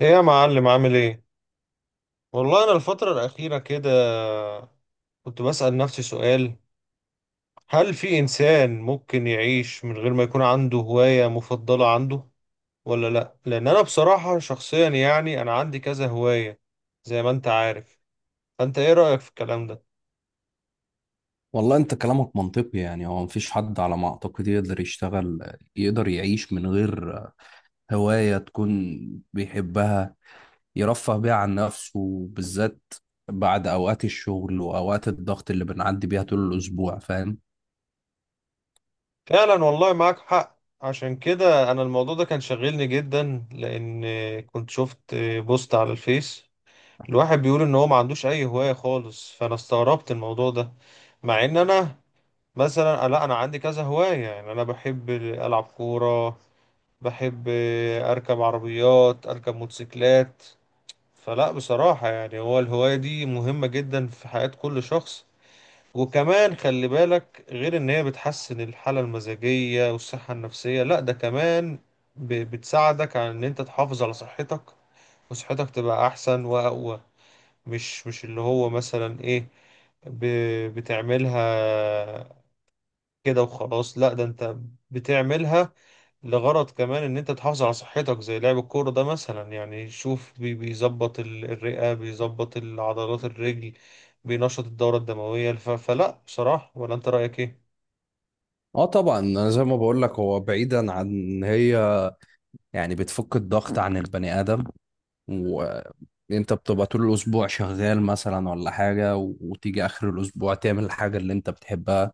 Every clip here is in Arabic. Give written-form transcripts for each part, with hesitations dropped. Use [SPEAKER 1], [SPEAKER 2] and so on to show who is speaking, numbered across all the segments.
[SPEAKER 1] ايه يا معلم عامل ايه؟ والله انا الفترة الأخيرة كده كنت بسأل نفسي سؤال: هل في إنسان ممكن يعيش من غير ما يكون عنده هواية مفضلة عنده ولا لا؟ لأن انا بصراحة شخصيا يعني انا عندي كذا هواية زي ما انت عارف، فانت ايه رأيك في الكلام ده؟
[SPEAKER 2] والله انت كلامك منطقي. يعني هو مفيش حد على ما اعتقد يقدر يشتغل يقدر يعيش من غير هواية تكون بيحبها يرفه بيها عن نفسه، بالذات بعد اوقات الشغل واوقات الضغط اللي بنعدي بيها طول الاسبوع، فاهم؟
[SPEAKER 1] فعلا والله معاك حق. عشان كده انا الموضوع ده كان شاغلني جدا، لأن كنت شفت بوست على الفيس، الواحد بيقول ان هو ما عندوش اي هواية خالص، فانا استغربت الموضوع ده، مع ان انا مثلا لا انا عندي كذا هواية، يعني انا بحب العب كورة، بحب اركب عربيات، اركب موتوسيكلات. فلا بصراحة يعني هو الهواية دي مهمة جدا في حياة كل شخص، وكمان خلي بالك غير ان هي بتحسن الحالة المزاجية والصحة النفسية، لا ده كمان بتساعدك على ان انت تحافظ على صحتك، وصحتك تبقى احسن واقوى. مش اللي هو مثلا ايه بتعملها كده وخلاص، لا ده انت بتعملها لغرض كمان ان انت تحافظ على صحتك. زي لعب الكورة ده مثلا، يعني شوف، بيظبط الرئة، بيظبط العضلات الرجل، بينشط الدورة الدموية. فلا بصراحة، ولا انت رأيك ايه؟
[SPEAKER 2] اه طبعا، انا زي ما بقول لك هو بعيدا عن ان هي يعني بتفك الضغط عن البني ادم. وانت بتبقى طول الاسبوع شغال مثلا ولا حاجة، وتيجي اخر الاسبوع تعمل الحاجة اللي انت بتحبها.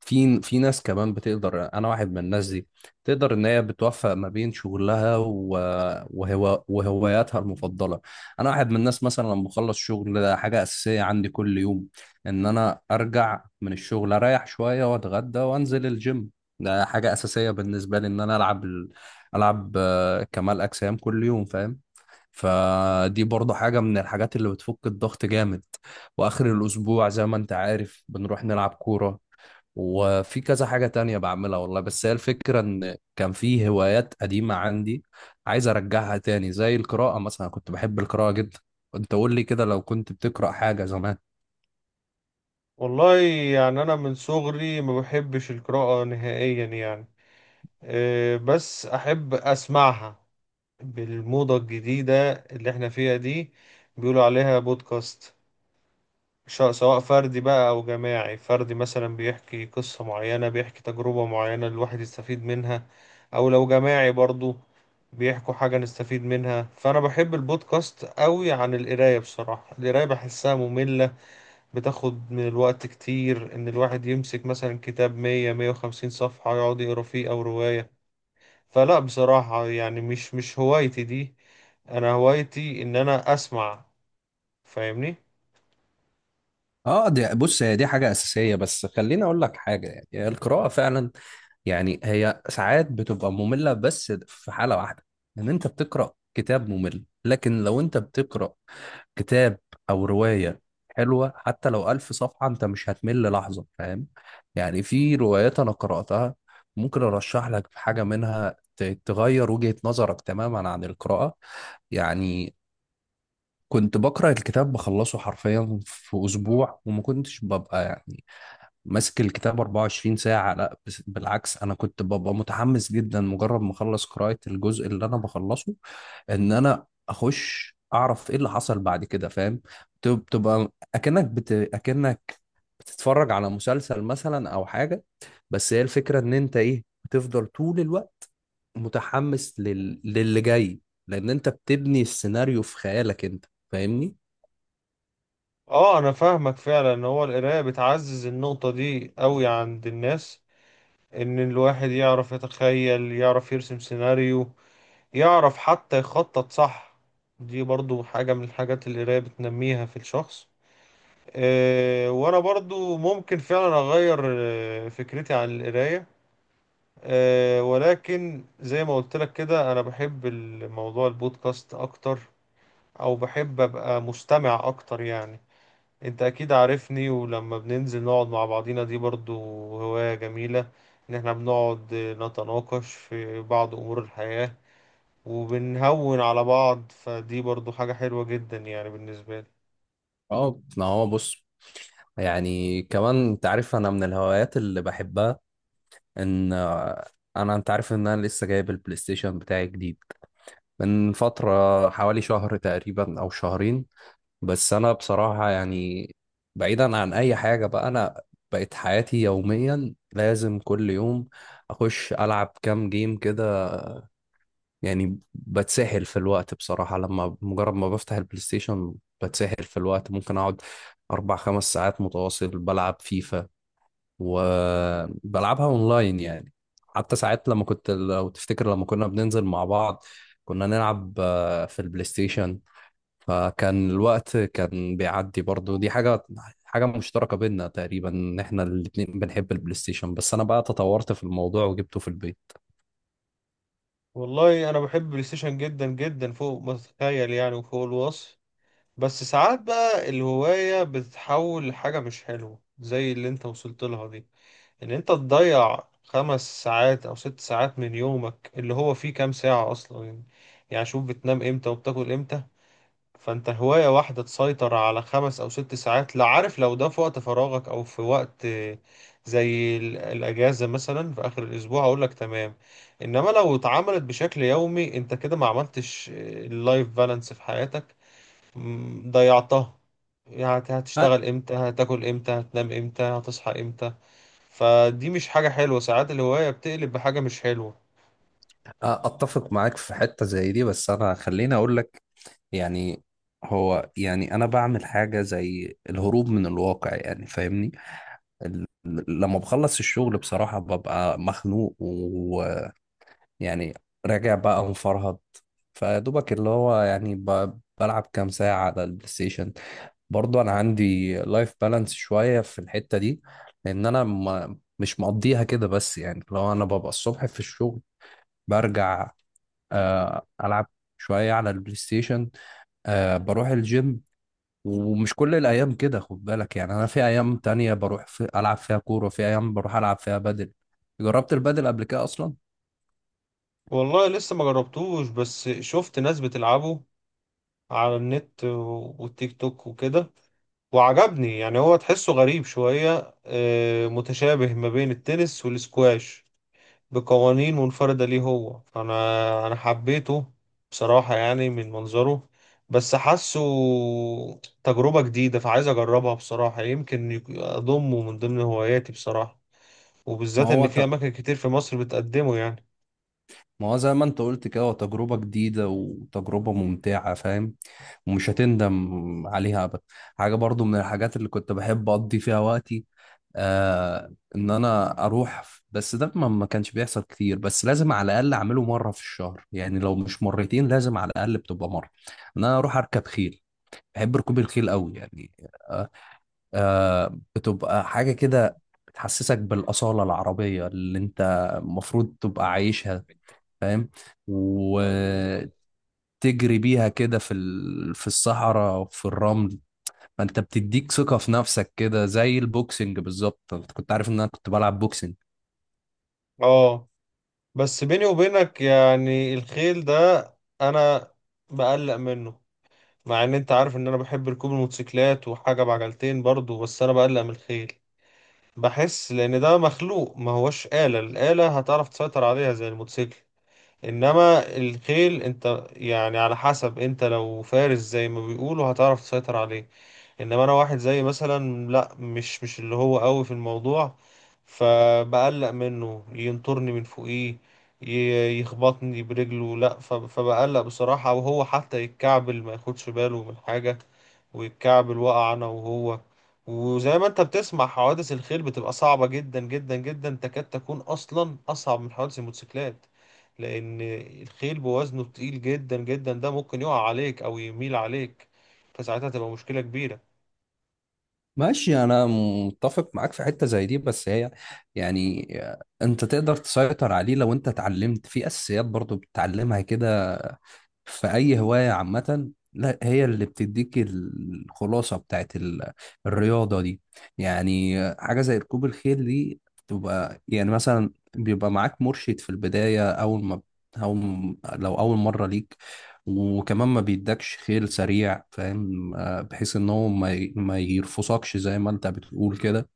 [SPEAKER 2] في ناس كمان بتقدر، انا واحد من الناس دي، تقدر ان هي بتوفق ما بين شغلها وهواياتها المفضله. انا واحد من الناس مثلا لما بخلص شغل، ده حاجه اساسيه عندي كل يوم، ان انا ارجع من الشغل اريح شويه واتغدى وانزل الجيم. ده حاجه اساسيه بالنسبه لي ان انا العب العب كمال اجسام كل يوم، فاهم؟ فدي برضه حاجة من الحاجات اللي بتفك الضغط جامد. وآخر الأسبوع زي ما أنت عارف بنروح نلعب كورة. وفي كذا حاجة تانية بعملها والله. بس هي الفكرة إن كان في هوايات قديمة عندي عايز أرجعها تاني زي القراءة مثلا، كنت بحب القراءة جدا. أنت قول لي كده، لو كنت بتقرأ حاجة زمان.
[SPEAKER 1] والله يعني انا من صغري ما بحبش القراءة نهائيا، يعني بس احب اسمعها بالموضة الجديدة اللي احنا فيها دي، بيقولوا عليها بودكاست. سواء فردي بقى أو جماعي، فردي مثلا بيحكي قصة معينة، بيحكي تجربة معينة الواحد يستفيد منها، أو لو جماعي برضو بيحكوا حاجة نستفيد منها. فأنا بحب البودكاست قوي، عن القراية بصراحة القراية بحسها مملة، بتاخد من الوقت كتير إن الواحد يمسك مثلا كتاب 100، 150 صفحة يقعد يقرا فيه أو رواية. فلا بصراحة يعني مش هوايتي دي، أنا هوايتي إن أنا أسمع، فاهمني؟
[SPEAKER 2] اه دي بص، هي دي حاجة أساسية. بس خليني أقول لك حاجة، يعني القراءة فعلا يعني هي ساعات بتبقى مملة، بس في حالة واحدة، إن أنت بتقرأ كتاب ممل. لكن لو أنت بتقرأ كتاب او روايه حلوه، حتى لو الف صفحه انت مش هتمل لحظه، فاهم؟ يعني في روايات انا قراتها ممكن ارشح لك حاجه منها تغير وجهه نظرك تماما عن القراءه. يعني كنت بقرا الكتاب بخلصه حرفيا في اسبوع، وما كنتش ببقى يعني ماسك الكتاب 24 ساعة، لا بالعكس، أنا كنت ببقى متحمس جدا مجرد ما أخلص قراءة الجزء اللي أنا بخلصه إن أنا أخش أعرف إيه اللي حصل بعد كده، فاهم؟ بتبقى أكنك بتتفرج على مسلسل مثلا أو حاجة. بس هي الفكرة إن أنت إيه بتفضل طول الوقت متحمس للي جاي، لأن أنت بتبني السيناريو في خيالك، أنت فاهمني؟
[SPEAKER 1] اه، انا فاهمك فعلا ان هو القرايه بتعزز النقطه دي قوي عند الناس، ان الواحد يعرف يتخيل، يعرف يرسم سيناريو، يعرف حتى يخطط، صح؟ دي برضو حاجه من الحاجات اللي القرايه بتنميها في الشخص. أه، وانا برضو ممكن فعلا اغير فكرتي عن القرايه. أه، ولكن زي ما قلت لك كده انا بحب الموضوع البودكاست اكتر، او بحب ابقى مستمع اكتر يعني. انت اكيد عارفني، ولما بننزل نقعد مع بعضينا دي برضو هواية جميلة، ان احنا بنقعد نتناقش في بعض امور الحياة وبنهون على بعض، فدي برضو حاجة حلوة جدا يعني بالنسبة لي.
[SPEAKER 2] أه ما هو بص، يعني كمان أنت عارف أنا من الهوايات اللي بحبها ان انا انت عارف ان انا لسه جايب البلاي ستيشن بتاعي جديد من فترة، حوالي شهر تقريبا او شهرين. بس انا بصراحة يعني بعيدا عن اي حاجة بقى، انا بقت حياتي يوميا لازم كل يوم اخش العب كام جيم كده. يعني بتسحل في الوقت بصراحة، لما مجرد ما بفتح البلاي ستيشن بتسحل في الوقت. ممكن اقعد اربع خمس ساعات متواصل بلعب فيفا، وبلعبها اونلاين يعني. حتى ساعات لما كنت، لو تفتكر لما كنا بننزل مع بعض كنا نلعب في البلاي ستيشن، فكان الوقت كان بيعدي. برضو دي حاجة، حاجة مشتركة بينا تقريبا ان احنا الاتنين بنحب البلاي ستيشن. بس انا بقى تطورت في الموضوع وجبته في البيت.
[SPEAKER 1] والله انا بحب البلاي ستيشن جدا جدا فوق ما تتخيل يعني وفوق الوصف. بس ساعات بقى الهواية بتتحول لحاجة مش حلوة زي اللي انت وصلت لها دي، ان انت تضيع 5 ساعات او 6 ساعات من يومك اللي هو فيه كام ساعة اصلا يعني. يعني شوف، بتنام امتى وبتاكل امتى؟ فانت هواية واحدة تسيطر على 5 او 6 ساعات، لا عارف لو ده في وقت فراغك او في وقت زي الاجازة مثلا في اخر الاسبوع، اقول لك تمام. انما لو اتعملت بشكل يومي انت كده ما عملتش اللايف بالانس في حياتك، ضيعتها. يعني
[SPEAKER 2] أ-
[SPEAKER 1] هتشتغل امتى، هتاكل امتى، هتنام امتى، هتصحى امتى؟ فدي مش حاجة حلوة، ساعات الهواية بتقلب بحاجة مش حلوة.
[SPEAKER 2] اتفق معاك في حتة زي دي. بس انا خليني اقول لك يعني، هو يعني انا بعمل حاجة زي الهروب من الواقع، يعني فاهمني؟ ال- لما بخلص الشغل بصراحة ببقى مخنوق، ويعني راجع بقى مفرهد، فدوبك اللي هو يعني بلعب كام ساعة على البلاي ستيشن. برضه أنا عندي لايف بالانس شوية في الحتة دي، لأن أنا ما مش مقضيها كده. بس يعني لو أنا ببقى الصبح في الشغل برجع، ألعب شوية على البلاي ستيشن، بروح الجيم. ومش كل الايام كده خد بالك، يعني انا في ايام تانية بروح في العب فيها كورة، في ايام بروح العب فيها بدل. جربت البدل قبل كده اصلا.
[SPEAKER 1] والله لسه ما جربتوش، بس شفت ناس بتلعبه على النت والتيك توك وكده وعجبني. يعني هو تحسه غريب شوية، متشابه ما بين التنس والسكواش بقوانين منفردة ليه هو، فأنا حبيته بصراحة يعني من منظره، بس حاسه تجربة جديدة، فعايز أجربها بصراحة، يمكن أضمه من ضمن هواياتي بصراحة،
[SPEAKER 2] ما
[SPEAKER 1] وبالذات
[SPEAKER 2] هو
[SPEAKER 1] ان
[SPEAKER 2] ت...
[SPEAKER 1] في اماكن كتير في مصر بتقدمه يعني.
[SPEAKER 2] ما هو زي ما انت قلت كده، هو تجربة جديدة وتجربة ممتعة، فاهم؟ ومش هتندم عليها ابدا. حاجة برضو من الحاجات اللي كنت بحب اقضي فيها وقتي، آه، ان انا اروح بس ده ما كانش بيحصل كتير، بس لازم على الاقل اعمله مره في الشهر، يعني لو مش مرتين لازم على الاقل بتبقى مره، ان انا اروح اركب خيل. بحب ركوب الخيل قوي يعني. آه. آه بتبقى حاجة كده بتحسسك بالأصالة العربية اللي أنت المفروض تبقى عايشها، فاهم؟ وتجري بيها كده في في الصحراء وفي الرمل، فأنت بتديك ثقة في نفسك كده، زي البوكسنج بالظبط. أنت كنت عارف إن أنا كنت بلعب بوكسنج.
[SPEAKER 1] اه، بس بيني وبينك يعني الخيل ده انا بقلق منه، مع ان انت عارف ان انا بحب ركوب الموتوسيكلات وحاجة بعجلتين برضو، بس انا بقلق من الخيل. بحس لان ده مخلوق ما هوش آلة، الآلة هتعرف تسيطر عليها زي الموتوسيكل، انما الخيل انت يعني على حسب، انت لو فارس زي ما بيقولوا هتعرف تسيطر عليه، انما انا واحد زي مثلا لا مش اللي هو قوي في الموضوع، فبقلق منه ينطرني من فوقيه، يخبطني برجله. لا فبقلق بصراحة، وهو حتى يتكعبل ما ياخدش باله من حاجة ويتكعبل وقع انا وهو. وزي ما انت بتسمع حوادث الخيل بتبقى صعبة جدا جدا جدا، تكاد تكون اصلا اصعب من حوادث الموتوسيكلات، لأن الخيل بوزنه تقيل جدا جدا، ده ممكن يقع عليك أو يميل عليك، فساعتها تبقى مشكلة كبيرة.
[SPEAKER 2] ماشي. أنا متفق معاك في حتة زي دي، بس هي يعني أنت تقدر تسيطر عليه لو أنت اتعلمت في أساسيات، برضو بتتعلمها كده في اي هوايه عامه، لا هي اللي بتديك الخلاصه بتاعت الرياضه دي. يعني حاجه زي ركوب الخيل دي بتبقى يعني مثلا بيبقى معاك مرشد في البدايه اول ما، أو لو أول مرة ليك، وكمان ما بيدكش خيل سريع، فاهم؟ بحيث إن هو ما يرفسكش زي ما أنت بتقول كده.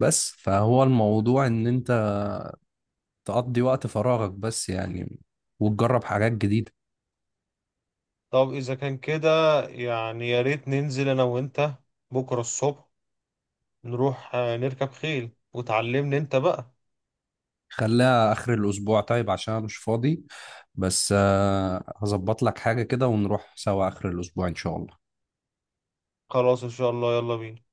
[SPEAKER 2] بس فهو الموضوع إن أنت تقضي وقت فراغك، بس يعني وتجرب حاجات جديدة.
[SPEAKER 1] طب إذا كان كده، يعني يا ريت ننزل أنا وأنت بكرة الصبح نروح نركب خيل وتعلمني أنت بقى.
[SPEAKER 2] خليها آخر الأسبوع طيب عشان أنا مش فاضي. بس هظبط لك حاجة كده ونروح سوا آخر الأسبوع إن شاء الله.
[SPEAKER 1] خلاص إن شاء الله، يلا بينا.